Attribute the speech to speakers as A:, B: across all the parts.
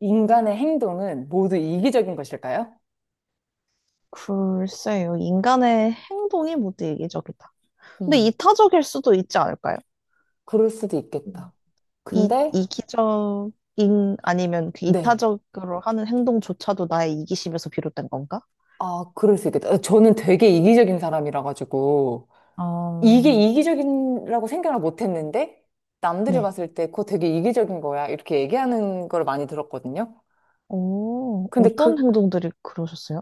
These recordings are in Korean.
A: 인간의 행동은 모두 이기적인 것일까요?
B: 글쎄요. 인간의 행동이 모두 이기적이다. 근데
A: 음.
B: 이타적일 수도 있지 않을까요?
A: 그럴 수도 있겠다.
B: 음. 이,
A: 근데,
B: 이기적인 아니면 그
A: 네.
B: 이타적으로 하는 행동조차도 나의 이기심에서 비롯된 건가?
A: 그럴 수 있겠다. 저는 되게 이기적인 사람이라 가지고, 이게
B: 어,
A: 이기적이라고 생각을 못 했는데, 남들이
B: 네.
A: 봤을 때 그거 되게 이기적인 거야. 이렇게 얘기하는 걸 많이 들었거든요.
B: 오,
A: 근데
B: 어떤
A: 그,
B: 행동들이 그러셨어요?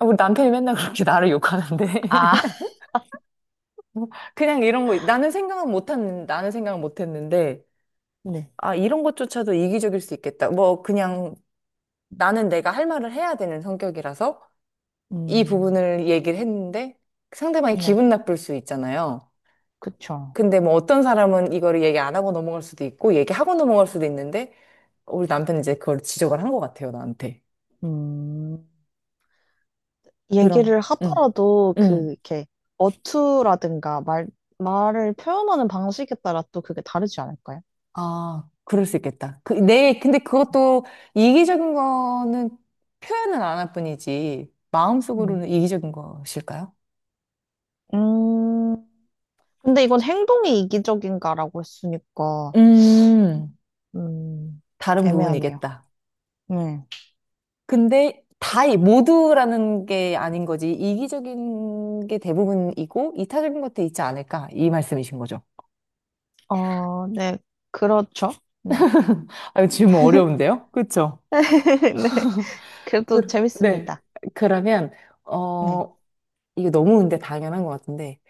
A: 아, 우리 남편이 맨날 그렇게 나를 욕하는데.
B: 아,
A: 그냥 이런 거, 나는 생각은 못 했는데,
B: 네.
A: 아, 이런 것조차도 이기적일 수 있겠다. 뭐, 그냥 나는 내가 할 말을 해야 되는 성격이라서 이
B: 음,
A: 부분을 얘기를 했는데 상대방이
B: 네.
A: 기분 나쁠 수 있잖아요.
B: 그쵸.
A: 근데 뭐 어떤 사람은 이거를 얘기 안 하고 넘어갈 수도 있고 얘기하고 넘어갈 수도 있는데 우리 남편이 이제 그걸 지적을 한 것 같아요, 나한테.
B: 음,
A: 그럼,
B: 얘기를
A: 응,
B: 하더라도 그
A: 응.
B: 이렇게 어투라든가 말 말을 표현하는 방식에 따라 또 그게 다르지 않을까요?
A: 그럴 수 있겠다. 근데 그것도 이기적인 거는 표현은 안 할 뿐이지
B: 음.
A: 마음속으로는 이기적인 것일까요?
B: 음, 근데 이건 행동이 이기적인가라고 했으니까,
A: 음,
B: 음,
A: 다른
B: 애매하네요.
A: 부분이겠다.
B: 네.
A: 근데 모두라는 게 아닌 거지. 이기적인 게 대부분이고, 이타적인 것도 있지 않을까. 이 말씀이신 거죠.
B: 어, 네, 그렇죠. 네.
A: 아, 질문 어려운데요? 그쵸?
B: 네, 그래도
A: 그, 네.
B: 재밌습니다.
A: 그러면,
B: 네.
A: 어, 이거 너무 근데 당연한 것 같은데,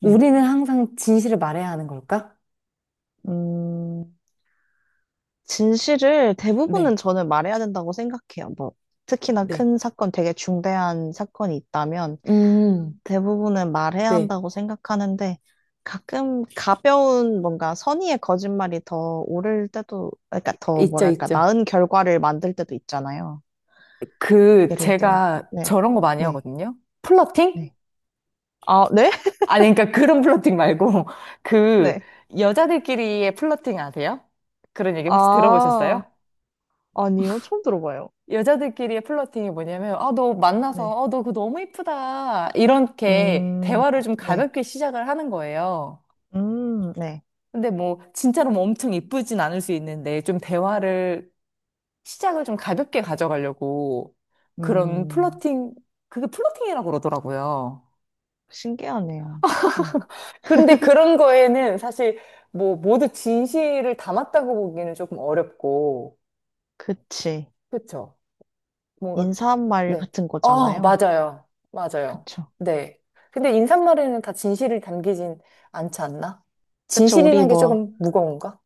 B: 네.
A: 우리는 항상 진실을 말해야 하는 걸까?
B: 음, 진실을 대부분은
A: 네,
B: 저는 말해야 된다고 생각해요. 뭐, 특히나
A: 네.
B: 큰 사건, 되게 중대한 사건이 있다면,
A: 음,
B: 대부분은 말해야
A: 네.
B: 한다고 생각하는데 가끔 가벼운 뭔가 선의의 거짓말이 더 옳을 때도 그러니까 더
A: 있죠,
B: 뭐랄까
A: 있죠.
B: 나은 결과를 만들 때도 있잖아요.
A: 그,
B: 예를 들
A: 제가
B: 네.
A: 저런 거 많이
B: 네.
A: 하거든요. 플러팅?
B: 네. 아, 네?
A: 아니, 그러니까 그런 플러팅 말고, 그,
B: 네.
A: 여자들끼리의 플러팅 아세요? 그런 얘기 혹시
B: 아,
A: 들어보셨어요?
B: 아니요. 처음 들어봐요.
A: 여자들끼리의 플러팅이 뭐냐면, 아, 너
B: 네.
A: 만나서, 어, 너 그거 너무 이쁘다. 이렇게
B: 음.
A: 대화를 좀
B: 네.
A: 가볍게 시작을 하는 거예요.
B: 음. 네.
A: 근데 뭐, 진짜로 뭐 엄청 이쁘진 않을 수 있는데, 좀 대화를, 시작을 좀 가볍게 가져가려고, 그런
B: 음.
A: 플러팅, 그게 플러팅이라고 그러더라고요.
B: 신기하네요. 네.
A: 그런데 그런 거에는 사실 뭐 모두 진실을 담았다고 보기는 조금 어렵고,
B: 그치.
A: 그쵸? 뭔가,
B: 인사말
A: 네.
B: 같은
A: 어,
B: 거잖아요.
A: 맞아요. 맞아요.
B: 그쵸.
A: 네. 근데 인사말에는 다 진실을 담기진 않지 않나?
B: 그쵸. 우리
A: 진실이란 게
B: 뭐
A: 조금 무거운가?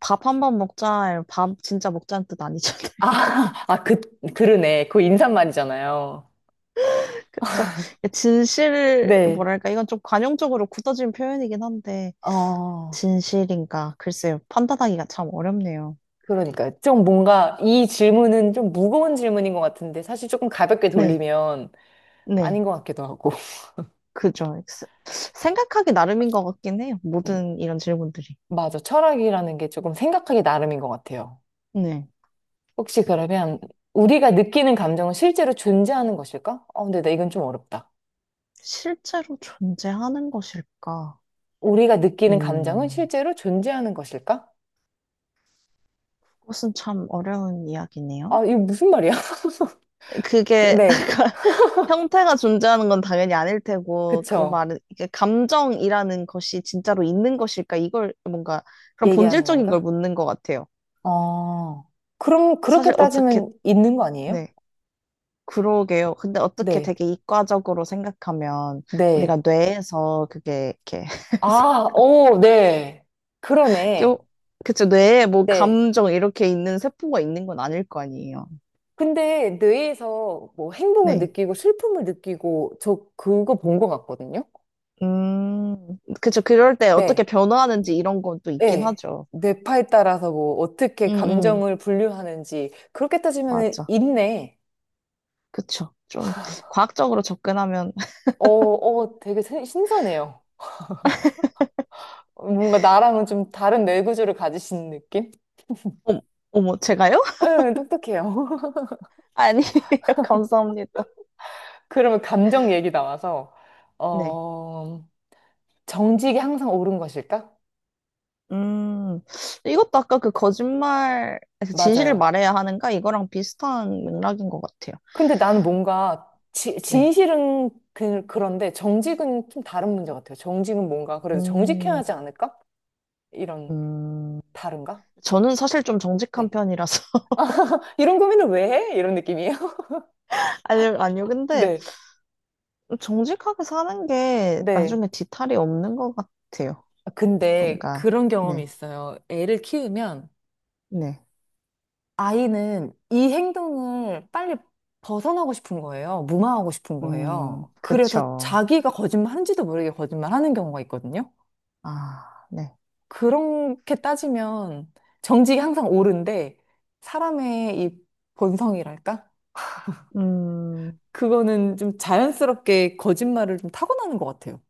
B: 밥 한 번 먹자, 밥 진짜 먹자는 뜻 아니잖아요.
A: 아, 아, 그, 그러네. 그 인사말이잖아요.
B: 그쵸? 진실,
A: 네.
B: 뭐랄까, 이건 좀 관용적으로 굳어진 표현이긴 한데,
A: 어,
B: 진실인가? 글쎄요, 판단하기가 참 어렵네요.
A: 그러니까. 좀 뭔가 이 질문은 좀 무거운 질문인 것 같은데, 사실 조금 가볍게
B: 네,
A: 돌리면
B: 네,
A: 아닌 것 같기도 하고.
B: 그죠. 생각하기 나름인 것 같긴 해요. 모든 이런 질문들이.
A: 맞아. 철학이라는 게 조금 생각하기 나름인 것 같아요.
B: 네.
A: 혹시 그러면 우리가 느끼는 감정은 실제로 존재하는 것일까? 어, 근데 나 이건 좀 어렵다.
B: 실제로 존재하는 것일까?
A: 우리가 느끼는 감정은
B: 음,
A: 실제로 존재하는 것일까?
B: 그것은 참 어려운 이야기네요.
A: 아, 이거 무슨 말이야?
B: 그게
A: 네,
B: 형태가 존재하는 건 당연히 아닐 테고, 그
A: 그쵸.
B: 말은, 이게 감정이라는 것이 진짜로 있는 것일까? 이걸 뭔가, 그런
A: 얘기하는
B: 본질적인 걸
A: 건가?
B: 묻는 것 같아요.
A: 어, 그럼 그렇게
B: 사실 어떻게,
A: 따지면 있는 거 아니에요?
B: 네, 그러게요. 근데 어떻게
A: 네,
B: 되게 이과적으로 생각하면,
A: 네.
B: 우리가 뇌에서 그게 이렇게,
A: 아, 오, 네.
B: 껴,
A: 그러네.
B: 그쵸, 뇌에 뭐
A: 네.
B: 감정 이렇게 있는 세포가 있는 건 아닐 거 아니에요.
A: 근데 뇌에서 뭐 행복을
B: 네.
A: 느끼고 슬픔을 느끼고 저 그거 본 것 같거든요.
B: 그쵸, 그럴 때 어떻게
A: 네,
B: 변화하는지 이런 건 또 있긴
A: 네.
B: 하죠.
A: 뇌파에 따라서 뭐 어떻게
B: 응, 응,
A: 감정을 분류하는지 그렇게 따지면은
B: 맞아.
A: 있네.
B: 그쵸. 좀 과학적으로 접근하면,
A: 어, 어, 되게 신선해요. 뭔가 나랑은 좀 다른 뇌 구조를 가지신 느낌?
B: 어, 어머, 제가요?
A: 응, 똑똑해요.
B: 아니에요. 감사합니다.
A: 그러면 감정 얘기 나와서
B: 네.
A: 어, 정직이 항상 옳은 것일까?
B: 음, 이것도 아까 그 거짓말, 그 진실을
A: 맞아요.
B: 말해야 하는가? 이거랑 비슷한 맥락인 것 같아요.
A: 근데 나는 뭔가
B: 네.
A: 진실은 그, 그런데 정직은 좀 다른 문제 같아요. 정직은 뭔가 그래도 정직해야
B: 음,
A: 하지 않을까? 이런
B: 음,
A: 다른가?
B: 저는 사실 좀 정직한
A: 네.
B: 편이라서.
A: 이런 고민을 왜 해? 이런 느낌이에요.
B: 아니요, 아니요. 근데
A: 네,
B: 정직하게 사는 게
A: 네.
B: 나중에 뒤탈이 없는 것 같아요.
A: 아, 근데
B: 뭔가,
A: 그런 경험이
B: 네,
A: 있어요. 애를 키우면
B: 네.
A: 아이는 이 행동을 빨리 벗어나고 싶은 거예요. 무마하고 싶은 거예요. 그래서
B: 그쵸.
A: 자기가 거짓말하는지도 모르게 거짓말하는 경우가 있거든요.
B: 아, 네.
A: 그렇게 따지면 정직이 항상 옳은데 사람의 이 본성이랄까?
B: 음.
A: 그거는 좀 자연스럽게 거짓말을 좀 타고나는 것 같아요.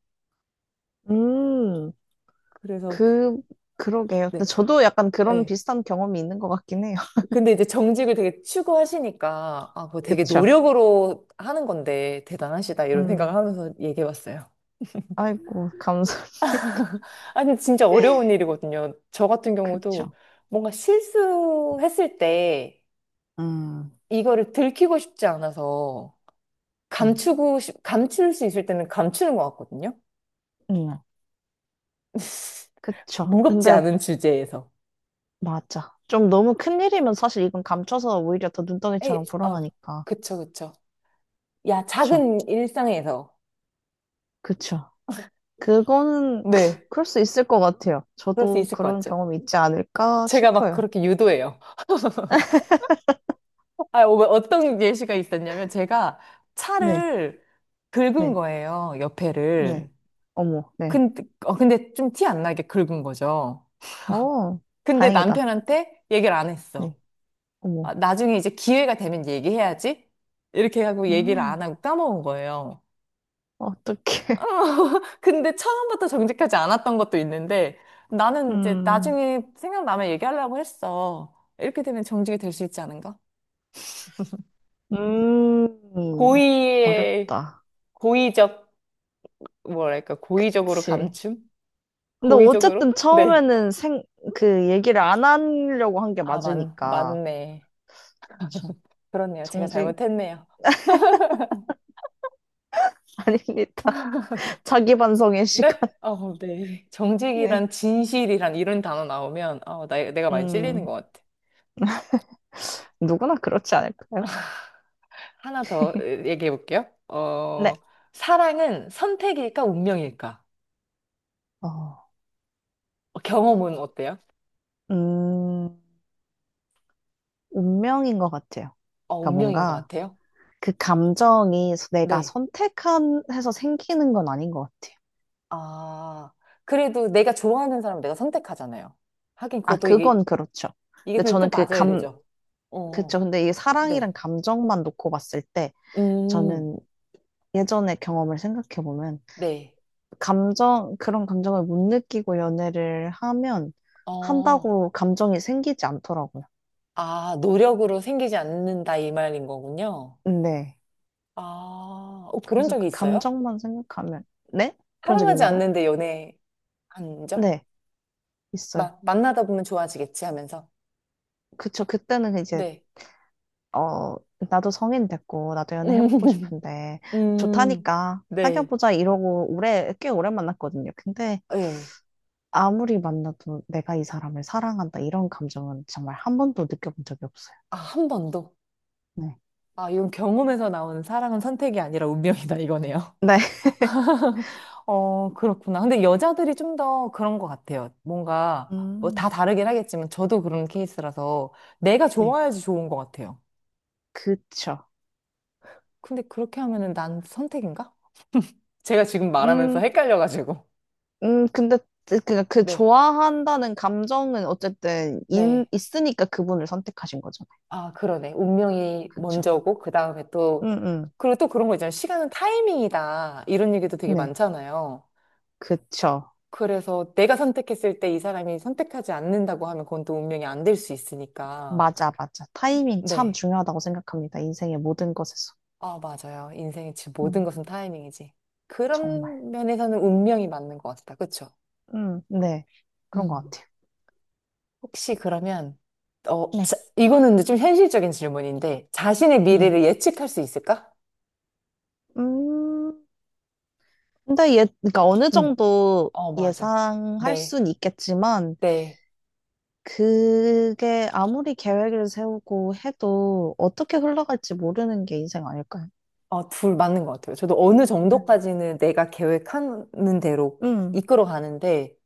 B: 음,
A: 그래서
B: 그, 그러게요. 근데
A: 네,
B: 저도 약간 그런
A: 네.
B: 비슷한 경험이 있는 것 같긴 해요.
A: 근데 이제 정직을 되게 추구하시니까, 아, 그 되게
B: 그쵸?
A: 노력으로 하는 건데, 대단하시다, 이런 생각을
B: 음,
A: 하면서 얘기해 봤어요.
B: 아이고, 감사님.
A: 아니, 진짜 어려운 일이거든요. 저 같은
B: 그쵸.
A: 경우도 뭔가 실수했을 때,
B: 음,
A: 이거를 들키고 싶지 않아서,
B: 음,
A: 감출 수 있을 때는 감추는 것 같거든요.
B: 음, 그쵸.
A: 무겁지
B: 근데,
A: 않은 주제에서.
B: 맞아. 좀 너무 큰일이면 사실 이건 감춰서 오히려 더
A: 에이,
B: 눈덩이처럼
A: 아,
B: 불어나니까.
A: 그쵸, 그쵸. 야,
B: 그쵸.
A: 작은 일상에서.
B: 그쵸. 그거는,
A: 네.
B: 그럴 수 있을 것 같아요.
A: 그럴 수
B: 저도
A: 있을 것
B: 그런
A: 같죠.
B: 경험이 있지 않을까
A: 제가 막
B: 싶어요.
A: 그렇게 유도해요. 아, 어, 어떤 예시가 있었냐면 제가
B: 네.
A: 차를 긁은
B: 네,
A: 거예요,
B: 네.
A: 옆에를.
B: 어머, 네.
A: 근데, 어, 근데 좀 티 안 나게 긁은 거죠.
B: 어,
A: 근데
B: 다행이다.
A: 남편한테 얘기를 안 했어.
B: 네,
A: 아,
B: 어머.
A: 나중에 이제 기회가 되면 얘기해야지. 이렇게 하고 얘기를
B: 음.
A: 안 하고 까먹은 거예요. 어,
B: 어떡해.
A: 근데 처음부터 정직하지 않았던 것도 있는데 나는 이제
B: 음,
A: 나중에 생각나면 얘기하려고 했어. 이렇게 되면 정직이 될 수 있지 않은가?
B: 음,
A: 고의의
B: 어렵다.
A: 고의적 뭐랄까, 고의적으로
B: 그치.
A: 감춤?
B: 근데
A: 고의적으로?
B: 어쨌든
A: 네.
B: 처음에는 그 얘기를 안 하려고 한 게 맞으니까.
A: 맞네.
B: 그쵸.
A: 그렇네요. 제가
B: 정직
A: 잘못했네요.
B: 아닙니다. 자기 반성의 시간.
A: 네? 어, 네.
B: 네.
A: 정직이란, 진실이란 이런 단어 나오면, 내가 많이 찔리는
B: 음,
A: 것 같아.
B: 누구나 그렇지 않을까요?
A: 하나 더 얘기해 볼게요.
B: 네.
A: 어, 사랑은 선택일까, 운명일까?
B: 어,
A: 어, 경험은 어때요?
B: 음, 운명인 것 같아요.
A: 어,
B: 그러니까
A: 운명인 것
B: 뭔가
A: 같아요.
B: 그 감정이 내가
A: 네.
B: 선택한 해서 생기는 건 아닌 것 같아요.
A: 아, 그래도 내가 좋아하는 사람을 내가 선택하잖아요. 하긴
B: 아,
A: 그것도 이게,
B: 그건 그렇죠.
A: 이게
B: 근데
A: 근데 또
B: 저는 그
A: 맞아야
B: 감,
A: 되죠.
B: 그쵸.
A: 어,
B: 근데 이게
A: 네.
B: 사랑이란 감정만 놓고 봤을 때
A: 음,
B: 저는 예전의 경험을 생각해보면
A: 네.
B: 감정, 그런 감정을 못 느끼고 연애를 하면
A: 어,
B: 한다고 감정이 생기지 않더라고요.
A: 아, 노력으로 생기지 않는다 이 말인 거군요.
B: 네.
A: 아, 어, 그런
B: 그래서
A: 적이
B: 그
A: 있어요?
B: 감정만 생각하면 네? 그런 적
A: 사랑하지
B: 있냐고요?
A: 않는데 연애한 적?
B: 네, 있어요.
A: 막 만나다 보면 좋아지겠지 하면서.
B: 그쵸. 그때는 이제
A: 네.
B: 어, 나도 성인 됐고 나도 연애해보고
A: 음,
B: 싶은데
A: 음,
B: 좋다니까
A: 네.
B: 사귀어보자 이러고 오래 꽤 오래 만났거든요. 근데
A: 예.
B: 아무리 만나도 내가 이 사람을 사랑한다 이런 감정은 정말 한 번도 느껴본 적이 없어요.
A: 아, 한 번도.
B: 네.
A: 아, 이건 경험에서 나온 사랑은 선택이 아니라 운명이다 이거네요.
B: 네.
A: 어, 그렇구나. 근데 여자들이 좀 더 그런 것 같아요. 뭔가, 뭐
B: 음,
A: 다 다르긴 하겠지만, 저도 그런 케이스라서, 내가
B: 네.
A: 좋아야지 좋은 것 같아요.
B: 그쵸.
A: 근데 그렇게 하면은 난 선택인가? 제가 지금 말하면서
B: 음,
A: 헷갈려가지고.
B: 근데 그
A: 네,
B: 좋아한다는 감정은 어쨌든 인,
A: 네.
B: 있으니까 그분을 선택하신 거잖아요.
A: 아, 그러네. 운명이
B: 그쵸.
A: 먼저고, 그 다음에 또,
B: 음,
A: 그리고 또 그런 거 있잖아요. 시간은 타이밍이다. 이런 얘기도 되게
B: 네.
A: 많잖아요.
B: 그쵸.
A: 그래서 내가 선택했을 때 이 사람이 선택하지 않는다고 하면 그건 또 운명이 안 될 수 있으니까.
B: 맞아, 맞아. 타이밍 참
A: 네.
B: 중요하다고 생각합니다. 인생의 모든 것에서.
A: 아, 맞아요. 인생의 모든
B: 음,
A: 것은 타이밍이지.
B: 정말.
A: 그런 면에서는 운명이 맞는 것 같다. 그쵸?
B: 네. 그런 것
A: 음.
B: 같아요.
A: 혹시 그러면,
B: 네.
A: 이거는 근데 좀 현실적인 질문인데, 자신의
B: 네.
A: 미래를 예측할 수 있을까?
B: 음. 근데 예, 그러니까 어느
A: 음.
B: 정도
A: 어, 맞아.
B: 예상할
A: 네,
B: 순 있겠지만,
A: 네.
B: 그게 아무리 계획을 세우고 해도 어떻게 흘러갈지 모르는 게 인생 아닐까요?
A: 어, 둘 맞는 것 같아요. 저도 어느
B: 음.
A: 정도까지는 내가 계획하는 대로
B: 음,
A: 이끌어 가는데,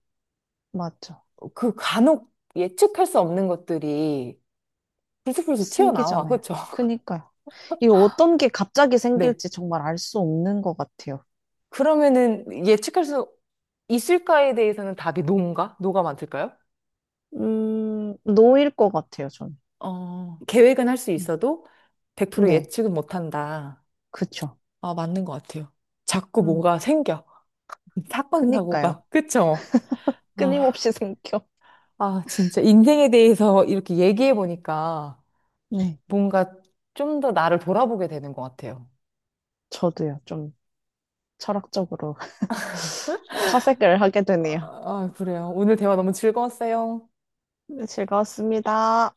B: 맞죠.
A: 그 간혹 예측할 수 없는 것들이 불쑥불쑥 튀어나와.
B: 생기잖아요.
A: 그쵸?
B: 그니까요. 이 어떤 게 갑자기
A: 네.
B: 생길지 정말 알 수 없는 것 같아요.
A: 그러면은 예측할 수 있을까에 대해서는 답이 노인가? 노가 많을까요?
B: 노일 것 같아요, 저는.
A: 어, 계획은 할 수
B: 음.
A: 있어도 100%
B: 네,
A: 예측은 못한다.
B: 그쵸.
A: 아, 맞는 것 같아요. 자꾸
B: 음,
A: 뭐가 생겨. 사건,
B: 그니까요.
A: 사고가. 그쵸? 아,
B: 끊임없이 생겨.
A: 아, 진짜 인생에 대해서 이렇게 얘기해 보니까
B: 네,
A: 뭔가 좀 더 나를 돌아보게 되는 것 같아요.
B: 저도요. 좀 철학적으로. 사색을 하게
A: 아,
B: 되네요.
A: 아, 그래요. 오늘 대화 너무 즐거웠어요.
B: 네, 즐거웠습니다.